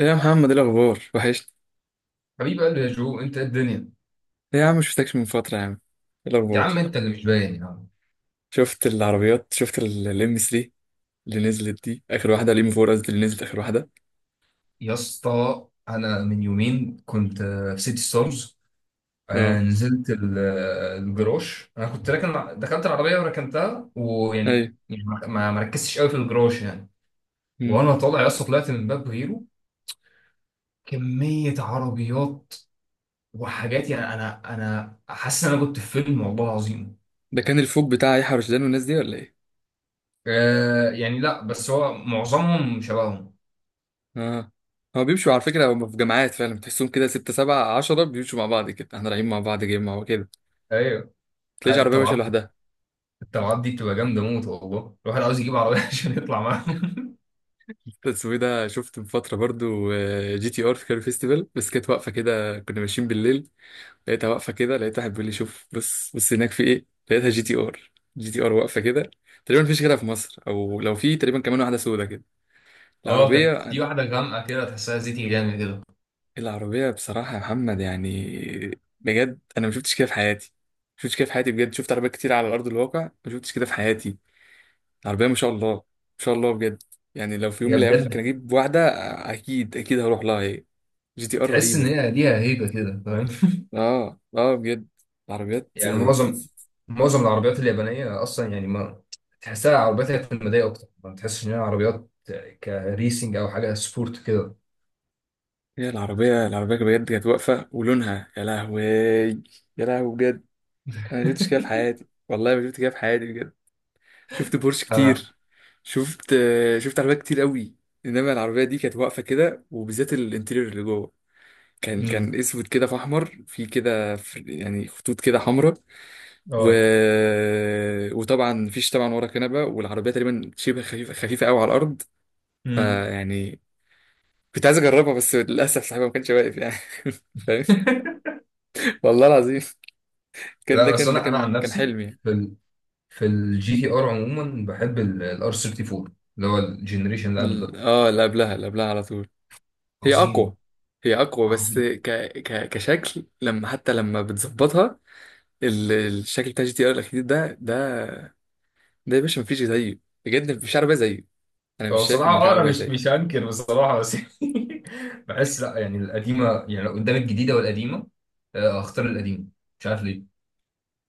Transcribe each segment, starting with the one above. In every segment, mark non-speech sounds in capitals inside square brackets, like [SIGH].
إيه يا محمد، ايه الاخبار؟ وحشت. حبيب قلبي يا جو، انت ايه الدنيا؟ ايه يا عم، شفتكش من فتره يا عم. ايه يا عم الاخبار؟ انت اللي مش باين يا عم. شفت العربيات؟ شفت الام 3 اللي نزلت دي، اخر واحده، الام 4 قصدي، اللي نزلت اخر واحده. يا اسطى انا من يومين كنت في سيتي ستارز. اه. نزلت الجراج. انا كنت راكن، دخلت العربيه وركنتها، ويعني ايوه. يعني ما ركزتش قوي في الجراج يعني. مم. وانا طالع يا اسطى طلعت من باب غيره. كميه عربيات وحاجات، يعني انا حاسس ان انا كنت في فيلم، والله العظيم. ده كان الفوق بتاع يحيى رشدان والناس دي ولا ايه؟ يعني لا، بس هو معظمهم شبههم. اه. هو بيمشوا على فكره، هم في جماعات فعلا، تحسهم كده 6 7 10 بيمشوا مع بعض كده، احنا رايحين مع بعض جيم مع بعض كده. ايوه تلاقيش عربيه ماشيه طبعا. لوحدها. الطلعات دي بتبقى جامده موت، والله الواحد عاوز يجيب عربيه [LAUGHS] عشان يطلع معاهم. اسمه إيه ده؟ شفت من فتره برضو جي تي ار في كاري فيستيفال، بس كانت واقفه كده، كنا ماشيين بالليل. لقيتها واقفه كده، لقيت واحد بيقول لي شوف، بص بص هناك في ايه، لقيتها جي تي ار. جي تي ار واقفه كده. تقريبا مفيش غيرها في مصر، او لو في تقريبا كمان واحده سودا كده. اه، العربيه، كانت في واحده غامقه كده، تحسها زيتي جامد كده. العربيه بصراحه يا محمد يعني، بجد انا ما شفتش كده في حياتي. ما شفتش كده في حياتي بجد، شفت عربيات كتير على ارض الواقع، ما شفتش كده في حياتي. العربيه ما شاء الله، ما شاء الله بجد. يعني لو في يوم هي من الايام ممكن بجد. اجيب واحده، اكيد اكيد هروح لها هي. جي تي ار تحس ان رهيبه. هي ليها هيبه كده، فاهم؟ اه اه بجد. العربيات. [LAUGHS] يعني معظم العربيات اليابانيه اصلا، يعني ما تحسها عربيات اعتماديه اكتر، ما تحسش ان هي عربيات كريسنج او حاجه سبورت كده. هي العربية، العربية بجد كانت واقفة، ولونها يا لهوي، يا لهوي بجد. أنا ما شفتش كده في حياتي، والله ما شفت كده في حياتي بجد. شفت بورش لا لا. كتير، شفت شفت عربيات كتير قوي. إنما العربية دي كانت واقفة كده، وبالذات الانتيريور اللي جوه كان امم. اسود كده، في احمر، في كده، يعني خطوط كده حمراء. و... اه. وطبعا مفيش طبعا ورا كنبه، والعربيه تقريبا شبه خفيفه، خفيفه قوي على الارض. امم. فيعني كنت عايز اجربها، بس للاسف صاحبها ما كانش واقف يعني. [LAUGHS] فاهم؟ [LAUGHS] والله العظيم كان ده لا، بس كان ده انا عن كان كان نفسي حلمي. في ال... في الجي تي ار عموما بحب الار 34، اللي هو الجنريشن اللي قبل ده. اللي قبلها، اللي قبلها على طول. هي عظيم، اقوى، هي اقوى بس عظيم. ك ك كشكل لما حتى لما بتظبطها، الشكل بتاع جي تي ار الاخير ده، ده يا باشا مفيش زيه، بجد مفيش عربيه زيه، انا هو مش شايف بصراحة ان في اه، انا عربيه مش زيه. هنكر بصراحة، بس [LAUGHS] بحس لا، يعني القديمة، يعني لو قدام الجديدة والقديمة اختار القديمة، مش عارف ليه.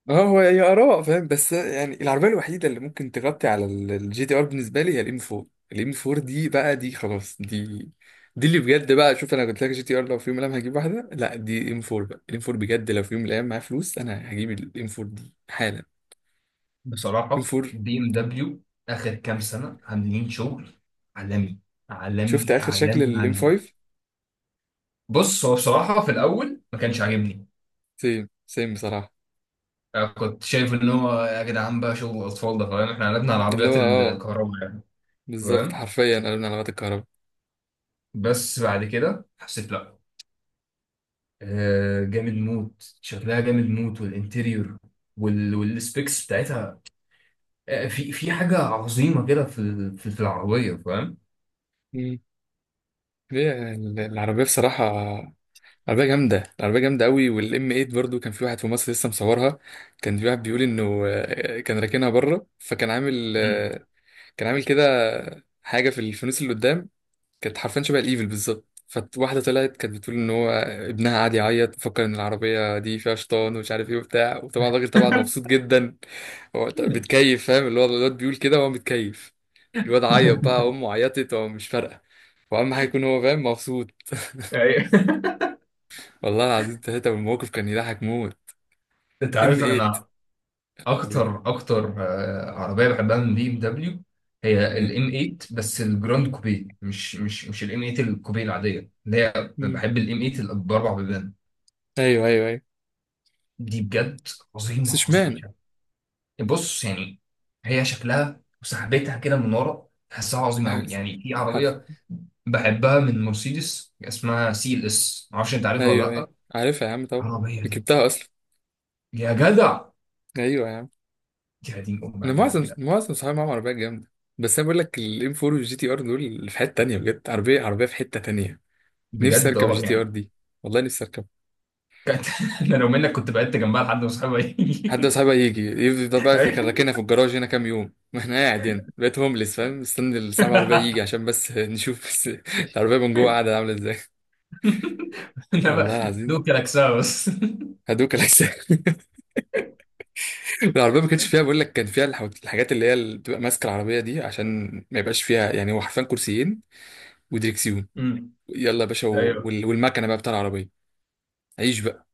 اه، هو هي اراء، فاهم؟ بس يعني العربيه الوحيده اللي ممكن تغطي على الجي تي ار بالنسبه لي هي الام 4. الام 4 دي بقى، دي خلاص، دي اللي بجد بقى. شوف، انا قلت لك جي تي ار لو في يوم من الايام هجيب واحده، لا، دي ام 4 بقى. الام 4 بجد، لو في يوم من الايام معايا فلوس انا هجيب الام 4 دي حالا. ام بصراحة 4. بي ام دبليو اخر كام سنة عاملين شغل عالمي، شفت عالمي، اخر شكل عالمي، الام عالمي. 5؟ بص، هو بصراحة في الاول ما كانش عاجبني. سيم سيم بصراحه. كنت شايف ان هو يا جدعان بقى شغل اطفال ده فاهم، احنا قلبنا على اللي هو العربيات الكهرباء يعني، بالظبط، فاهم. حرفيا قالوا لنا على الغطا الكهرباء. بس بعد كده حسيت لا، جامد موت، شكلها جامد موت، والانتيريور والسبيكس بتاعتها. في حاجه عظيمه كده في العربيه، فاهم. مم. هي العربيه بصراحه عربية جامدة، العربية جامدة قوي. والام 8 برضو، كان في واحد في مصر لسه مصورها، كان في واحد بيقول انه كان راكنها بره، فكان عامل مم. كان عامل كده حاجة في الفانوس اللي قدام، كانت حرفيا شبه الايفل بالظبط. فواحدة طلعت كانت بتقول ان هو ابنها قاعد يعيط، فكر ان العربية دي فيها شيطان، ومش عارف ايه وبتاع، وطبعا الراجل طبعا مبسوط جدا. هو بيتكيف، فاهم؟ اللي هو الواد بيقول كده وهو متكيف، الواد عيط بقى، امه عيطت، هو مش فارقة، واهم حاجة يكون هو فاهم مبسوط. أيوة. [LAUGHS] والله العظيم ثلاثة، والموقف كان يضحك موت. انت ام عارف 8. انا أمريكا. اكتر عربيه بحبها من بي ام دبليو هي الام مم. 8، بس الجراند كوبي، مش الام 8 الكوبي العاديه، اللي هي مم. بحب الام 8 باربع بيبان أيوه أيوه أيوه. دي بجد. بس عظيمه، عظيمه. إشمعنى؟ بص يعني، هي شكلها وسحبتها كده من ورا تحسها عظيمه قوي عارف. يعني. في عارف. عربيه بحبها من مرسيدس اسمها سي ال اس، معرفش انت عارفها ولا أيوه أيوه، لا. عارفها يا عم طبعا، العربيه دي ركبتها أصلا. يا جدع، أيوه يا عم. يا دين ام على أنا الجمال يا معظم جدع. معظم صحابي معاهم عربيات جامدة. بس أنا بقول لك، الام 4 والجي تي ار دول اللي في حتة تانية، بجد عربية، عربية في حتة تانية. نفسي بجد أركب اه الجي تي ار يعني. دي، والله نفسي أركب. كانت [LAUGHS] انا لو منك كنت بعدت جنبها لحد ما اصحابها حد من يجي. صاحبي يجي يفضل بقى، كان [LAUGHS] راكنها في الجراج هنا كام يوم، [LAUGHS] واحنا قاعد هنا بقيت هومليس فاهم، مستني الساعة العربية يجي عشان بس نشوف، بس [LAUGHS] العربية من جوه قاعدة عاملة ازاي. [LAUGHS] انا بقى والله العظيم دوك كلاكسها بس. هدوك الأجسام. [LAUGHS] العربية ما كانتش فيها، بقول لك كان فيها الحاجات اللي هي اللي بتبقى ماسكة العربية دي عشان ما يبقاش فيها يعني، هو حرفيا كرسيين ودريكسيون. أمم. يلا يا باشا ايوه. والمكنة بقى بتاع العربية، عيش بقى.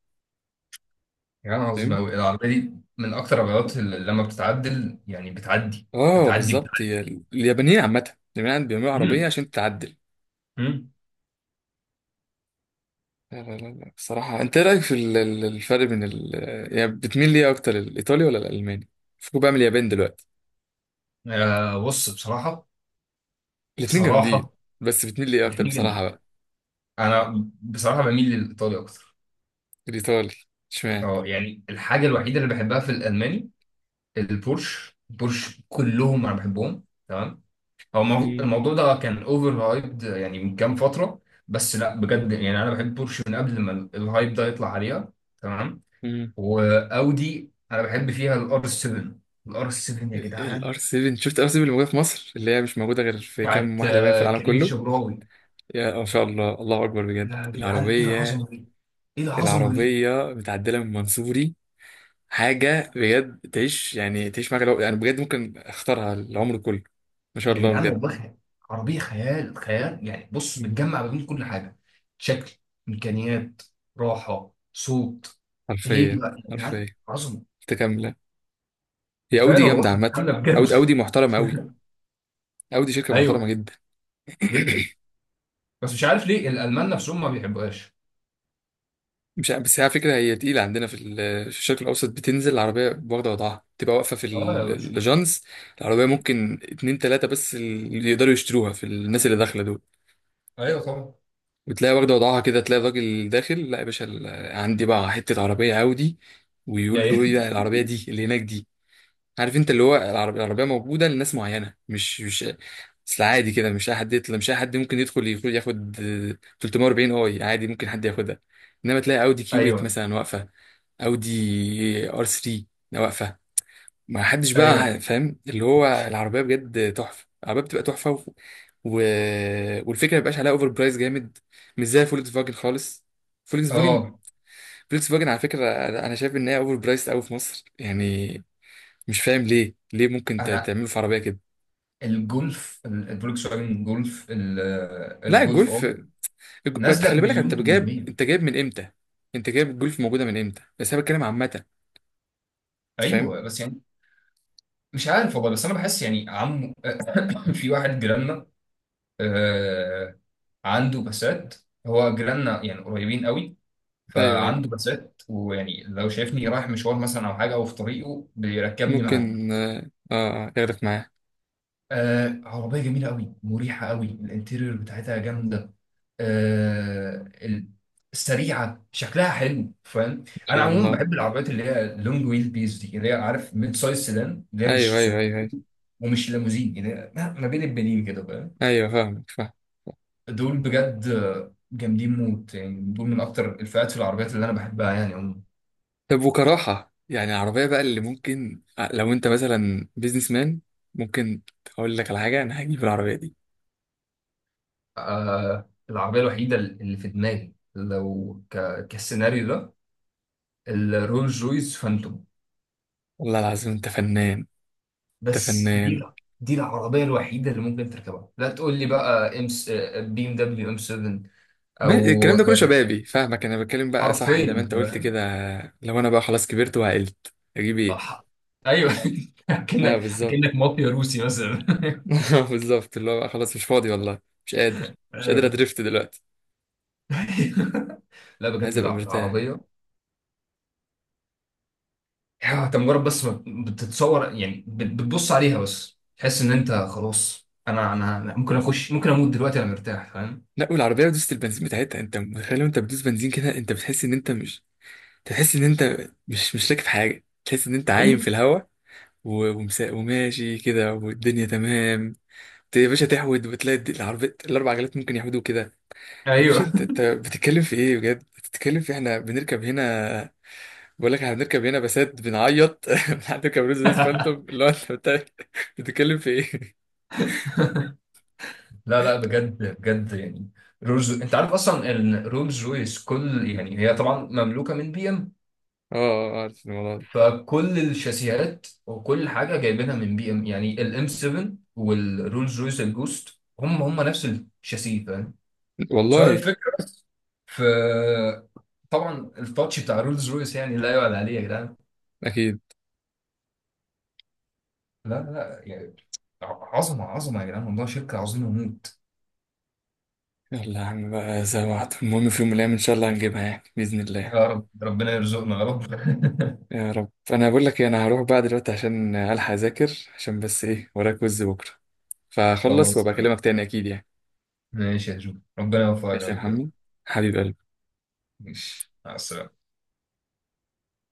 يا، يعني عظيم فاهم؟ قوي العربيه دي. من اكتر العربيات اللي لما بتتعدل، يعني بتعدي، اه بتعدي. بالظبط، هي اليابانيين عامة، اليابانيين بيعملوا عربية مم. عشان تتعدل. مم. لا لا لا لا، الصراحة، انت ايه رأيك في الفرق بين يعني بتميل ليه اكتر، الايطالي ولا الالماني؟ فكوا بقى من اليابان دلوقتي. بص بصراحة، الاتنين جامدين. بصراحة بس بتميل ليه اكتر غير. بصراحة بقى؟ أنا بصراحة بميل للإيطالي أكتر. الايطالي؟ اشمعنى؟ أه يعني الحاجة الوحيدة اللي بحبها في الألماني البورش. البورش كلهم أنا بحبهم تمام. هو الموضوع ده كان أوفر هايبد يعني من كام فترة، بس لا بجد يعني أنا بحب بورش من قبل ما الهايب ده يطلع عليها. تمام. مم. وأودي أنا بحب فيها الآر 7. الآر 7 يا الار جدعان، 7، شفت الار 7 اللي موجوده في مصر، اللي هي مش موجوده غير في كام بتاعت واحده باين في العالم كريم كله؟ الشبراوي. يا ما شاء الله، الله اكبر بجد يا جدعان، إيه العربيه. العظمة دي! ايه العظمه دي! العربيه متعدله من منصوري، حاجه بجد تعيش يعني، تعيش معاك لو يعني، بجد ممكن اختارها العمر كله. ما شاء يا الله جدعان بجد. والله خيال. عربيه خيال خيال، يعني بص مم. بتجمع ما بين كل حاجه: شكل، امكانيات، راحه، صوت، حرفيا هيبه. يا حرفيا. جدعان عظمه. متكامله. هي اودي فعلا والله جامده عامه، بتتكلم بجد. اودي، اودي [LAUGHS] محترمه قوي، اودي شركه ايوه، محترمه جدا. جدا. بس مش عارف ليه الالمان نفسهم ما بيحبوهاش. مش عارف- بس هي على فكرة، هي تقيلة عندنا في في الشرق الأوسط. بتنزل العربية واخدة وضعها، تبقى واقفة في اه يا باشا. الجانز. العربية ممكن اتنين تلاتة بس اللي يقدروا يشتروها في الناس اللي داخلة دول، ايوه طبعا. وتلاقي واخدة وضعها كده، تلاقي الراجل داخل، لا يا باشا، عندي بقى حتة عربية عاودي، ويقول له ايه يعني. ده العربية دي اللي هناك دي؟ عارف انت، اللي هو العربيه موجوده لناس معينه، مش اصل عادي كده، مش اي حد يطلع، مش اي حد ممكن يدخل ياخد 340 اي عادي ممكن حد ياخدها. انما تلاقي اودي [LAUGHS] كيو 8 ايوه. مثلا واقفه، اودي ار 3 واقفه، ما حدش ايوه. بقى فاهم اللي هو العربيه بجد تحفه، العربيه بتبقى تحفه. و... والفكره ما بيبقاش عليها اوفر برايس جامد، مش زي فولكس فاجن خالص. فولكس فاجن، اه. فولكس فاجن على فكره، انا شايف ان هي اوفر برايس قوي في مصر يعني، مش فاهم ليه، ليه ممكن انا تعمله في عربيه كده. الجولف الفولكس واجن جولف لا، الجولف، الجولف، اه بس نازله خلي بالك، انت بمليون جايب 800. انت جايب من امتى، انت جايب الجولف موجوده من امتى؟ بس انا بتكلم عامه، انت فاهم. ايوه، بس يعني مش عارف والله، بس انا بحس يعني عم. [COUGHS] في واحد جيراننا آه، عنده بسات. هو جيراننا يعني قريبين قوي. ايوه ايوه، فعنده بسات، ويعني لو شايفني رايح مشوار مثلا او حاجه او في طريقه بيركبني معاه. ممكن ياخدك معاه. عربيه جميله قوي، مريحه قوي، الانتيريور بتاعتها جامده، آه، ال- سريعه، شكلها حلو، فاهم. ان انا شاء عموما الله. بحب العربيات اللي هي لونج ويل بيز دي، اللي هي عارف ميد سايز سيدان، اللي هي ايوه مش ايوه صغيرة ايوه ايوه ومش ليموزين، اللي هي ما بين البنين كده. ايوه، فاهمك، فاهم. دول بجد جامدين موت، يعني دول من اكتر الفئات في العربيات اللي انا بحبها يعني عموما. طب وكراحه يعني العربيه بقى اللي ممكن، لو انت مثلا بيزنس مان، ممكن اقول لك على حاجه، انا هجيب العربيه دي. العربيه الوحيده اللي في دماغي لو كالسيناريو ده الرولز رويس فانتوم. والله العظيم انت فنان، انت بس دي، فنان. دي العربيه الوحيده اللي ممكن تركبها. لا تقول لي بقى ام بي ام دبليو ام 7 او الكلام ده كله شبابي فاهمك، انا بتكلم بقى صح زي ما حرفيا انت قلت كده. لو انا بقى خلاص كبرت وعقلت، اجيب ايه؟ أح... ايوه. [LAUGHS] اه اكنك بالظبط، اكنك مافيا روسي مثلا. [LAUGHS] بالظبط اللي هو بقى خلاص مش فاضي والله، مش قادر، [LAUGHS] مش قادر ايوه. ادريفت دلوقتي، [LAUGHS] لا عايز بجد ابقى مرتاح. العربيه انت مجرد بس ما بتتصور. يعني بتبص عليها بس تحس ان انت خلاص. انا، أنا ممكن اخش، ممكن اموت دلوقتي، انا مرتاح فاهم. لا، والعربيه دوست البنزين بتاعتها انت متخيل؟ وانت بتدوس بنزين كده، انت بتحس ان انت مش، تحس ان انت مش راكب حاجه، تحس ان انت عايم ايوه في الهواء، وماشي كده، والدنيا تمام. يا باشا تحود وتلاقي العربية الأربع عجلات ممكن يحودوا كده. يا باشا ايوه. انت بتتكلم في ايه بجد؟ بتتكلم في احنا بنركب هنا؟ بقول لك احنا بنركب هنا بسات بنعيط، [LAUGHS] بنركب روز بس فانتوم، [LAUGHS] اللي هو انت بتتكلم في ايه؟ [LAUGHS] لا لا بجد بجد يعني. رولز، انت عارف اصلا ان رولز رويس كل، يعني هي طبعا مملوكه من بي ام، اه اه اه، عارف الموضوع ده. فكل الشاسيهات وكل حاجه جايبينها من بي ام. يعني الام 7 والرولز رويس الجوست هم نفس الشاسيه، فاهم. سؤال والله الفكرة في. طبعا التاتش بتاع رولز رويس يعني لا يعلى عليه يا جدعان. اكيد. لا، لا يعني. عظمة، عظمة يا جدعان، والله شركة عظيمة موت. يلا يا عم بقى زي ما وعد. المهم في يوم من الايام ان شاء الله هنجيبها يعني باذن الله. يا رب، ربنا يرزقنا يا رب. [LAUGHS] يا رب. انا بقول لك ايه، انا هروح بقى دلوقتي عشان الحق اذاكر، عشان بس ايه، ورايا كويز بكره، فخلص خلاص وابقى تمام. اكلمك تاني اكيد يعني. ماشي يا جو، ربنا يوفقك يا ماشي يا حبيبي. محمد، حبيبي. ماشي، مع السلامة.